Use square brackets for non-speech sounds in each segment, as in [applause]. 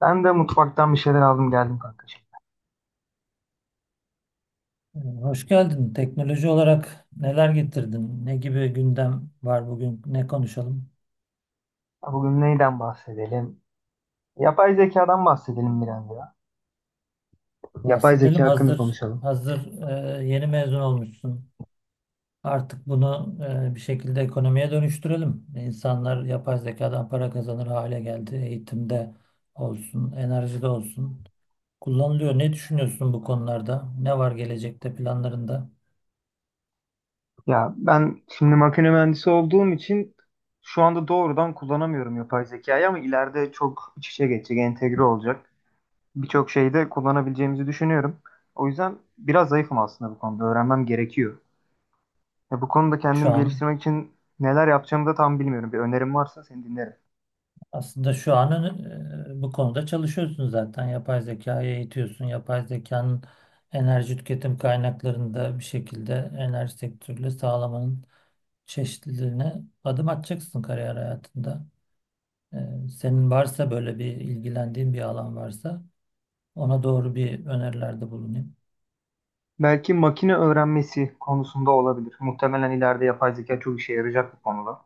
Ben de mutfaktan bir şeyler aldım geldim kanka. Hoş geldin. Teknoloji olarak neler getirdin? Ne gibi gündem var bugün? Ne konuşalım? Ya bugün neyden bahsedelim? Yapay zekadan bahsedelim biraz ya. Yapay zeka Bahsedelim. hakkında Hazır konuşalım. hazır yeni mezun olmuşsun. Artık bunu bir şekilde ekonomiye dönüştürelim. İnsanlar yapay zekadan para kazanır hale geldi. Eğitimde olsun, enerjide olsun. Kullanılıyor. Ne düşünüyorsun bu konularda? Ne var gelecekte planlarında Ya ben şimdi makine mühendisi olduğum için şu anda doğrudan kullanamıyorum yapay zekayı ama ileride çok iç içe geçecek, entegre olacak. Birçok şeyde kullanabileceğimizi düşünüyorum. O yüzden biraz zayıfım aslında bu konuda. Öğrenmem gerekiyor. Ya bu konuda şu kendimi an? geliştirmek için neler yapacağımı da tam bilmiyorum. Bir önerim varsa seni dinlerim. Aslında şu an bu konuda çalışıyorsun zaten. Yapay zekayı eğitiyorsun. Yapay zekanın enerji tüketim kaynaklarında bir şekilde enerji sektörüyle sağlamanın çeşitliliğine adım atacaksın kariyer hayatında. Senin varsa böyle bir ilgilendiğin bir alan varsa ona doğru bir önerilerde bulunayım. Belki makine öğrenmesi konusunda olabilir. Muhtemelen ileride yapay zeka çok işe yarayacak bu konuda.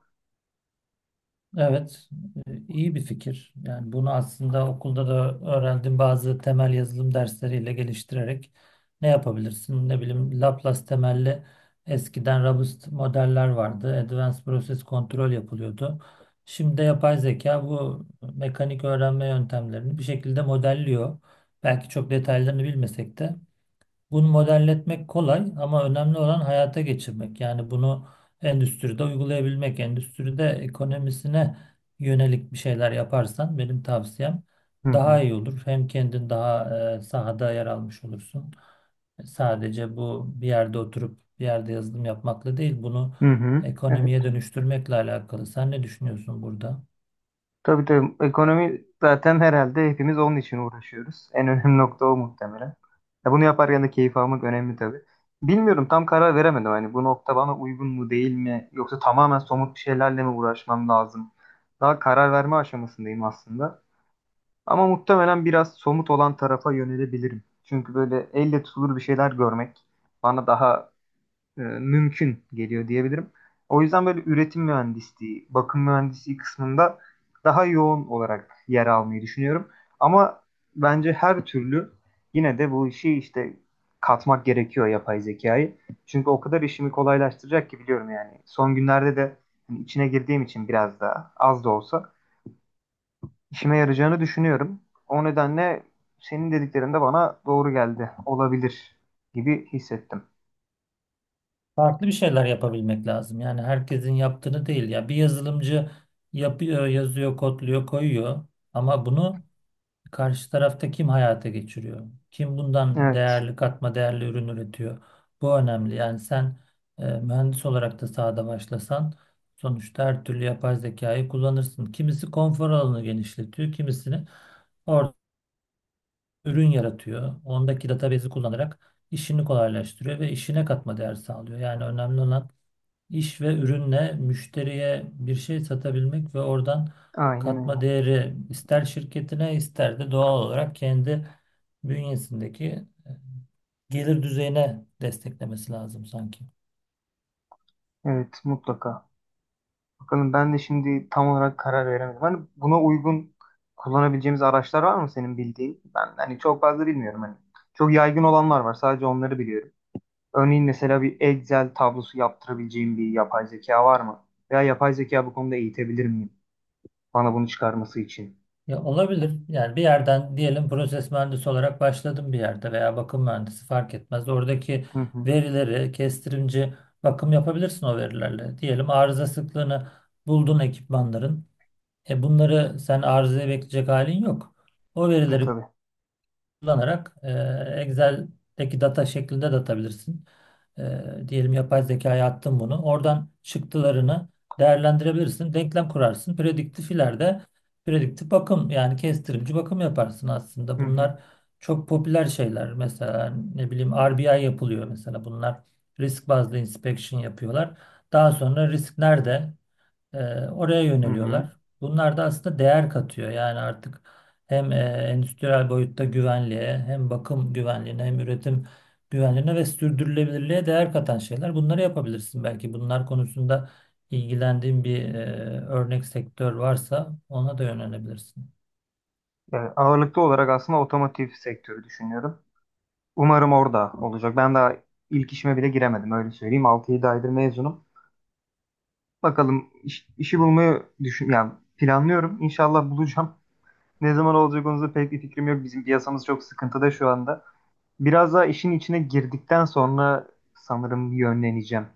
Evet, iyi bir fikir. Yani bunu aslında okulda da öğrendim bazı temel yazılım dersleriyle geliştirerek ne yapabilirsin? Ne bileyim Laplace temelli eskiden robust modeller vardı. Advanced Process Control yapılıyordu. Şimdi de yapay zeka bu mekanik öğrenme yöntemlerini bir şekilde modelliyor. Belki çok detaylarını bilmesek de. Bunu modelletmek kolay ama önemli olan hayata geçirmek. Yani bunu endüstride uygulayabilmek, endüstride ekonomisine yönelik bir şeyler yaparsan benim tavsiyem Hı daha hı. iyi olur. Hem kendin daha sahada yer almış olursun. Sadece bu bir yerde oturup bir yerde yazılım yapmakla değil, bunu Hı hı. Evet. ekonomiye dönüştürmekle alakalı. Sen ne düşünüyorsun burada? Tabii tabii. Ekonomi zaten herhalde hepimiz onun için uğraşıyoruz. En önemli nokta o muhtemelen. Ya bunu yaparken de keyif almak önemli tabii. Bilmiyorum tam karar veremedim. Hani bu nokta bana uygun mu değil mi? Yoksa tamamen somut bir şeylerle mi uğraşmam lazım? Daha karar verme aşamasındayım aslında. Ama muhtemelen biraz somut olan tarafa yönelebilirim. Çünkü böyle elle tutulur bir şeyler görmek bana daha mümkün geliyor diyebilirim. O yüzden böyle üretim mühendisliği, bakım mühendisliği kısmında daha yoğun olarak yer almayı düşünüyorum. Ama bence her türlü yine de bu işi işte katmak gerekiyor yapay zekayı. Çünkü o kadar işimi kolaylaştıracak ki biliyorum yani. Son günlerde de hani içine girdiğim için biraz daha az da olsa işime yarayacağını düşünüyorum. O nedenle senin dediklerin de bana doğru geldi. Olabilir gibi hissettim. Farklı bir şeyler yapabilmek lazım. Yani herkesin yaptığını değil. Ya bir yazılımcı yapıyor, yazıyor, kodluyor, koyuyor ama bunu karşı tarafta kim hayata geçiriyor? Kim bundan Evet, değerli katma değerli ürün üretiyor? Bu önemli. Yani sen mühendis olarak da sahada başlasan sonuçta her türlü yapay zekayı kullanırsın. Kimisi konfor alanını genişletiyor, kimisini orada ürün yaratıyor. Ondaki database'i kullanarak işini kolaylaştırıyor ve işine katma değer sağlıyor. Yani önemli olan İş ve ürünle müşteriye bir şey satabilmek ve oradan aynen katma öyle. değeri ister şirketine ister de doğal olarak kendi bünyesindeki gelir düzeyine desteklemesi lazım sanki. Evet, mutlaka. Bakalım ben de şimdi tam olarak karar veremedim. Hani buna uygun kullanabileceğimiz araçlar var mı senin bildiğin? Ben hani çok fazla bilmiyorum hani. Çok yaygın olanlar var. Sadece onları biliyorum. Örneğin mesela bir Excel tablosu yaptırabileceğim bir yapay zeka var mı? Veya yapay zeka bu konuda eğitebilir miyim? Bana bunu çıkarması için. Ya olabilir. Yani bir yerden diyelim proses mühendisi olarak başladım bir yerde veya bakım mühendisi fark etmez. Oradaki Hı hı. verileri kestirimci bakım yapabilirsin o verilerle. Diyelim arıza sıklığını buldun ekipmanların. E bunları sen arızaya bekleyecek halin yok. O E verileri tabii. kullanarak Excel'deki data şeklinde de atabilirsin. Diyelim yapay zekaya attın bunu. Oradan çıktılarını değerlendirebilirsin. Denklem kurarsın. Prediktif ileride prediktif bakım yani kestirimci bakım yaparsın aslında. Hı hı. Bunlar çok popüler şeyler. Mesela ne bileyim RBI yapılıyor mesela. Bunlar risk bazlı inspection yapıyorlar. Daha sonra risk nerede? E, Oraya Hı hı. yöneliyorlar. Bunlar da aslında değer katıyor. Yani artık hem endüstriyel boyutta güvenliğe, hem bakım güvenliğine, hem üretim güvenliğine ve sürdürülebilirliğe değer katan şeyler. Bunları yapabilirsin belki. Bunlar konusunda ilgilendiğin bir örnek sektör varsa ona da yönelebilirsin. Yani ağırlıklı olarak aslında otomotiv sektörü düşünüyorum. Umarım orada olacak. Ben daha ilk işime bile giremedim öyle söyleyeyim. 6-7 aydır mezunum. Bakalım işi bulmayı düşün yani planlıyorum. İnşallah bulacağım. [laughs] Ne zaman olacak onun da pek bir fikrim yok. Bizim piyasamız çok sıkıntıda şu anda. Biraz daha işin içine girdikten sonra sanırım yönleneceğim.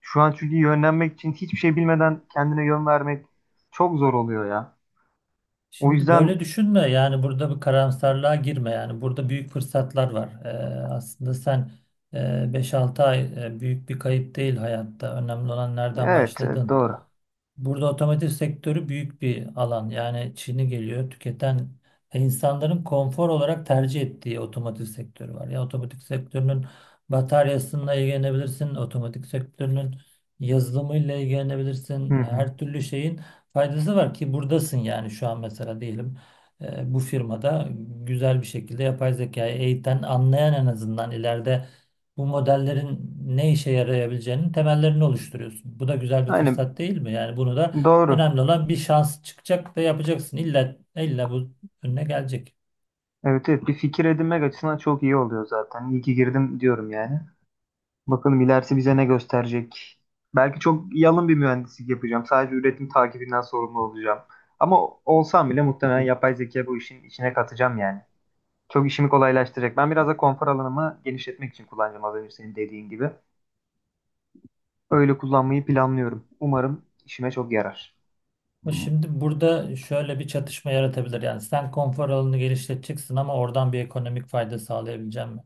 Şu an çünkü yönlenmek için hiçbir şey bilmeden kendine yön vermek çok zor oluyor ya. O Şimdi yüzden böyle düşünme. Yani burada bir karamsarlığa girme. Yani burada büyük fırsatlar var. Aslında sen e, 5-6 ay büyük bir kayıp değil hayatta. Önemli olan nereden evet, evet başladın. doğru. Burada otomotiv sektörü büyük bir alan. Yani Çin'i geliyor tüketen insanların konfor olarak tercih ettiği otomotiv sektörü var. Ya otomotiv sektörünün bataryasıyla ilgilenebilirsin, otomotiv sektörünün yazılımıyla Hı ilgilenebilirsin. hı. Her türlü şeyin faydası var ki buradasın yani şu an mesela diyelim bu firmada güzel bir şekilde yapay zekayı eğiten, anlayan en azından ileride bu modellerin ne işe yarayabileceğinin temellerini oluşturuyorsun. Bu da güzel bir Aynen fırsat değil mi? Yani bunu da doğru. önemli olan bir şans çıkacak ve yapacaksın. İlla, illa bu önüne gelecek. Evet evet bir fikir edinmek açısından çok iyi oluyor zaten. İyi ki girdim diyorum yani. Bakalım ilerisi bize ne gösterecek. Belki çok yalın bir mühendislik yapacağım. Sadece üretim takibinden sorumlu olacağım. Ama olsam bile muhtemelen yapay zeka bu işin içine katacağım yani. Çok işimi kolaylaştıracak. Ben biraz da konfor alanımı genişletmek için kullanacağım az önce senin dediğin gibi. Öyle kullanmayı planlıyorum. Umarım işime çok yarar. Ama şimdi burada şöyle bir çatışma yaratabilir. Yani sen konfor alanını genişleteceksin ama oradan bir ekonomik fayda sağlayabilecek mi?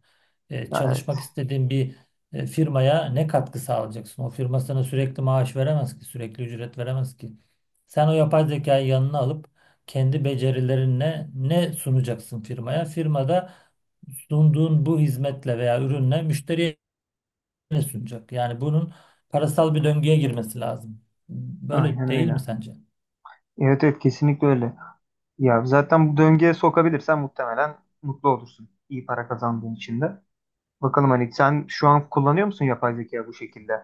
Ya, evet. Çalışmak istediğin bir firmaya ne katkı sağlayacaksın? O firma sana sürekli maaş veremez ki, sürekli ücret veremez ki. Sen o yapay zekayı yanına alıp kendi becerilerinle ne sunacaksın firmaya? Firma da sunduğun bu hizmetle veya ürünle müşteriye ne sunacak? Yani bunun parasal bir döngüye girmesi lazım. Böyle Aynen değil mi öyle. sence? Evet evet kesinlikle öyle. Ya zaten bu döngüye sokabilirsen muhtemelen mutlu olursun. İyi para kazandığın için de. Bakalım hani sen şu an kullanıyor musun yapay zeka bu şekilde?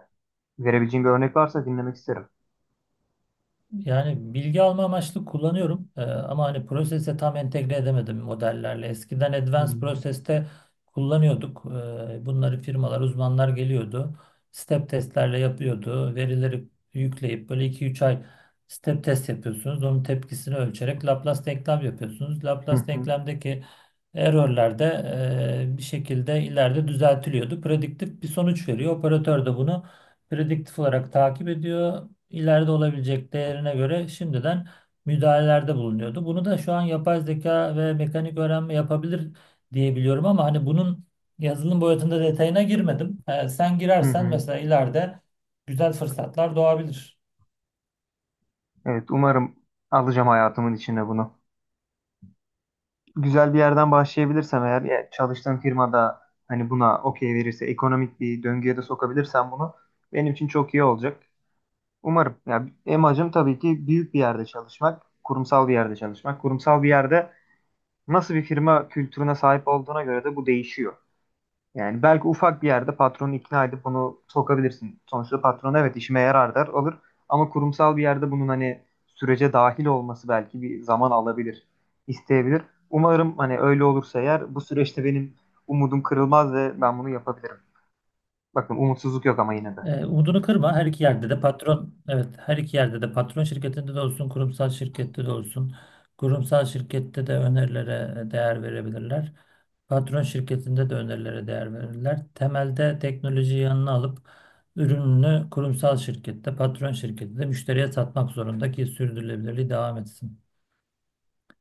Verebileceğin bir örnek varsa dinlemek isterim. Yani bilgi alma amaçlı kullanıyorum. Ama hani prosese tam entegre edemedim modellerle. Eskiden Advanced Hmm. Process'te kullanıyorduk. Bunları firmalar, uzmanlar geliyordu. Step testlerle yapıyordu. Verileri yükleyip böyle 2 3 ay step test yapıyorsunuz. Onun tepkisini ölçerek Laplace denklem yapıyorsunuz. Hı Laplace hı, denklemdeki error'lar da bir şekilde ileride düzeltiliyordu. Prediktif bir sonuç veriyor. Operatör de bunu prediktif olarak takip ediyor ileride olabilecek değerine göre şimdiden müdahalelerde bulunuyordu. Bunu da şu an yapay zeka ve mekanik öğrenme yapabilir diye biliyorum ama hani bunun yazılım boyutunda detayına girmedim. Sen hı girersen hı. mesela ileride güzel fırsatlar doğabilir. Evet umarım alacağım hayatımın içine bunu. Güzel bir yerden başlayabilirsem eğer ya çalıştığım firmada hani buna okey verirse ekonomik bir döngüye de sokabilirsem bunu benim için çok iyi olacak. Umarım. Ya amacım tabii ki büyük bir yerde çalışmak, kurumsal bir yerde çalışmak. Kurumsal bir yerde nasıl bir firma kültürüne sahip olduğuna göre de bu değişiyor. Yani belki ufak bir yerde patronu ikna edip bunu sokabilirsin. Sonuçta patron evet işime yarar der alır. Ama kurumsal bir yerde bunun hani sürece dahil olması belki bir zaman alabilir, isteyebilir. Umarım hani öyle olursa eğer bu süreçte benim umudum kırılmaz ve ben bunu yapabilirim. Bakın umutsuzluk yok ama yine de. Umudunu kırma. Her iki yerde de patron, evet her iki yerde de patron şirketinde de olsun, kurumsal şirkette de olsun. Kurumsal şirkette de önerilere değer verebilirler. Patron şirketinde de önerilere değer verirler. Temelde teknolojiyi yanına alıp ürününü kurumsal şirkette, patron şirketinde müşteriye satmak zorunda ki sürdürülebilirliği devam etsin.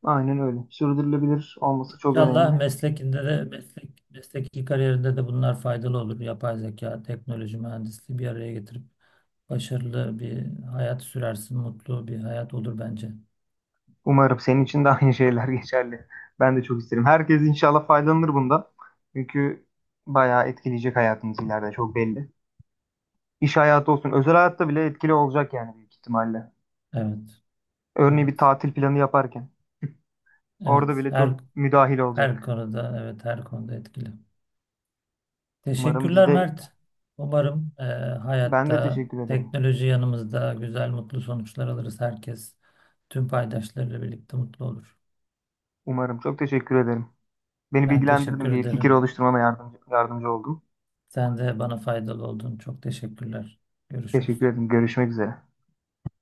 Aynen öyle. Sürdürülebilir olması çok İnşallah önemli. meslekinde de meslek, mesleki kariyerinde de bunlar faydalı olur. Yapay zeka, teknoloji, mühendisliği bir araya getirip başarılı bir hayat sürersin, mutlu bir hayat olur bence. Umarım senin için de aynı şeyler [laughs] geçerli. Ben de çok isterim. Herkes inşallah faydalanır bundan. Çünkü bayağı etkileyecek hayatımız ileride çok belli. İş hayatı olsun, özel hayatta bile etkili olacak yani büyük ihtimalle. Evet, Örneğin bir evet, tatil planı yaparken evet. orada bile Her çok müdahil her olacak. konuda, evet her konuda etkili. Umarım biz Teşekkürler de Mert. Umarım ben de hayatta teşekkür ederim. teknoloji yanımızda güzel, mutlu sonuçlar alırız. Herkes tüm paydaşlarıyla birlikte mutlu olur. Umarım çok teşekkür ederim. Beni Ben bilgilendirdin, teşekkür bir fikir ederim. oluşturmama yardımcı oldun. Sen de bana faydalı oldun. Çok teşekkürler. Teşekkür Görüşürüz. ederim. Görüşmek üzere.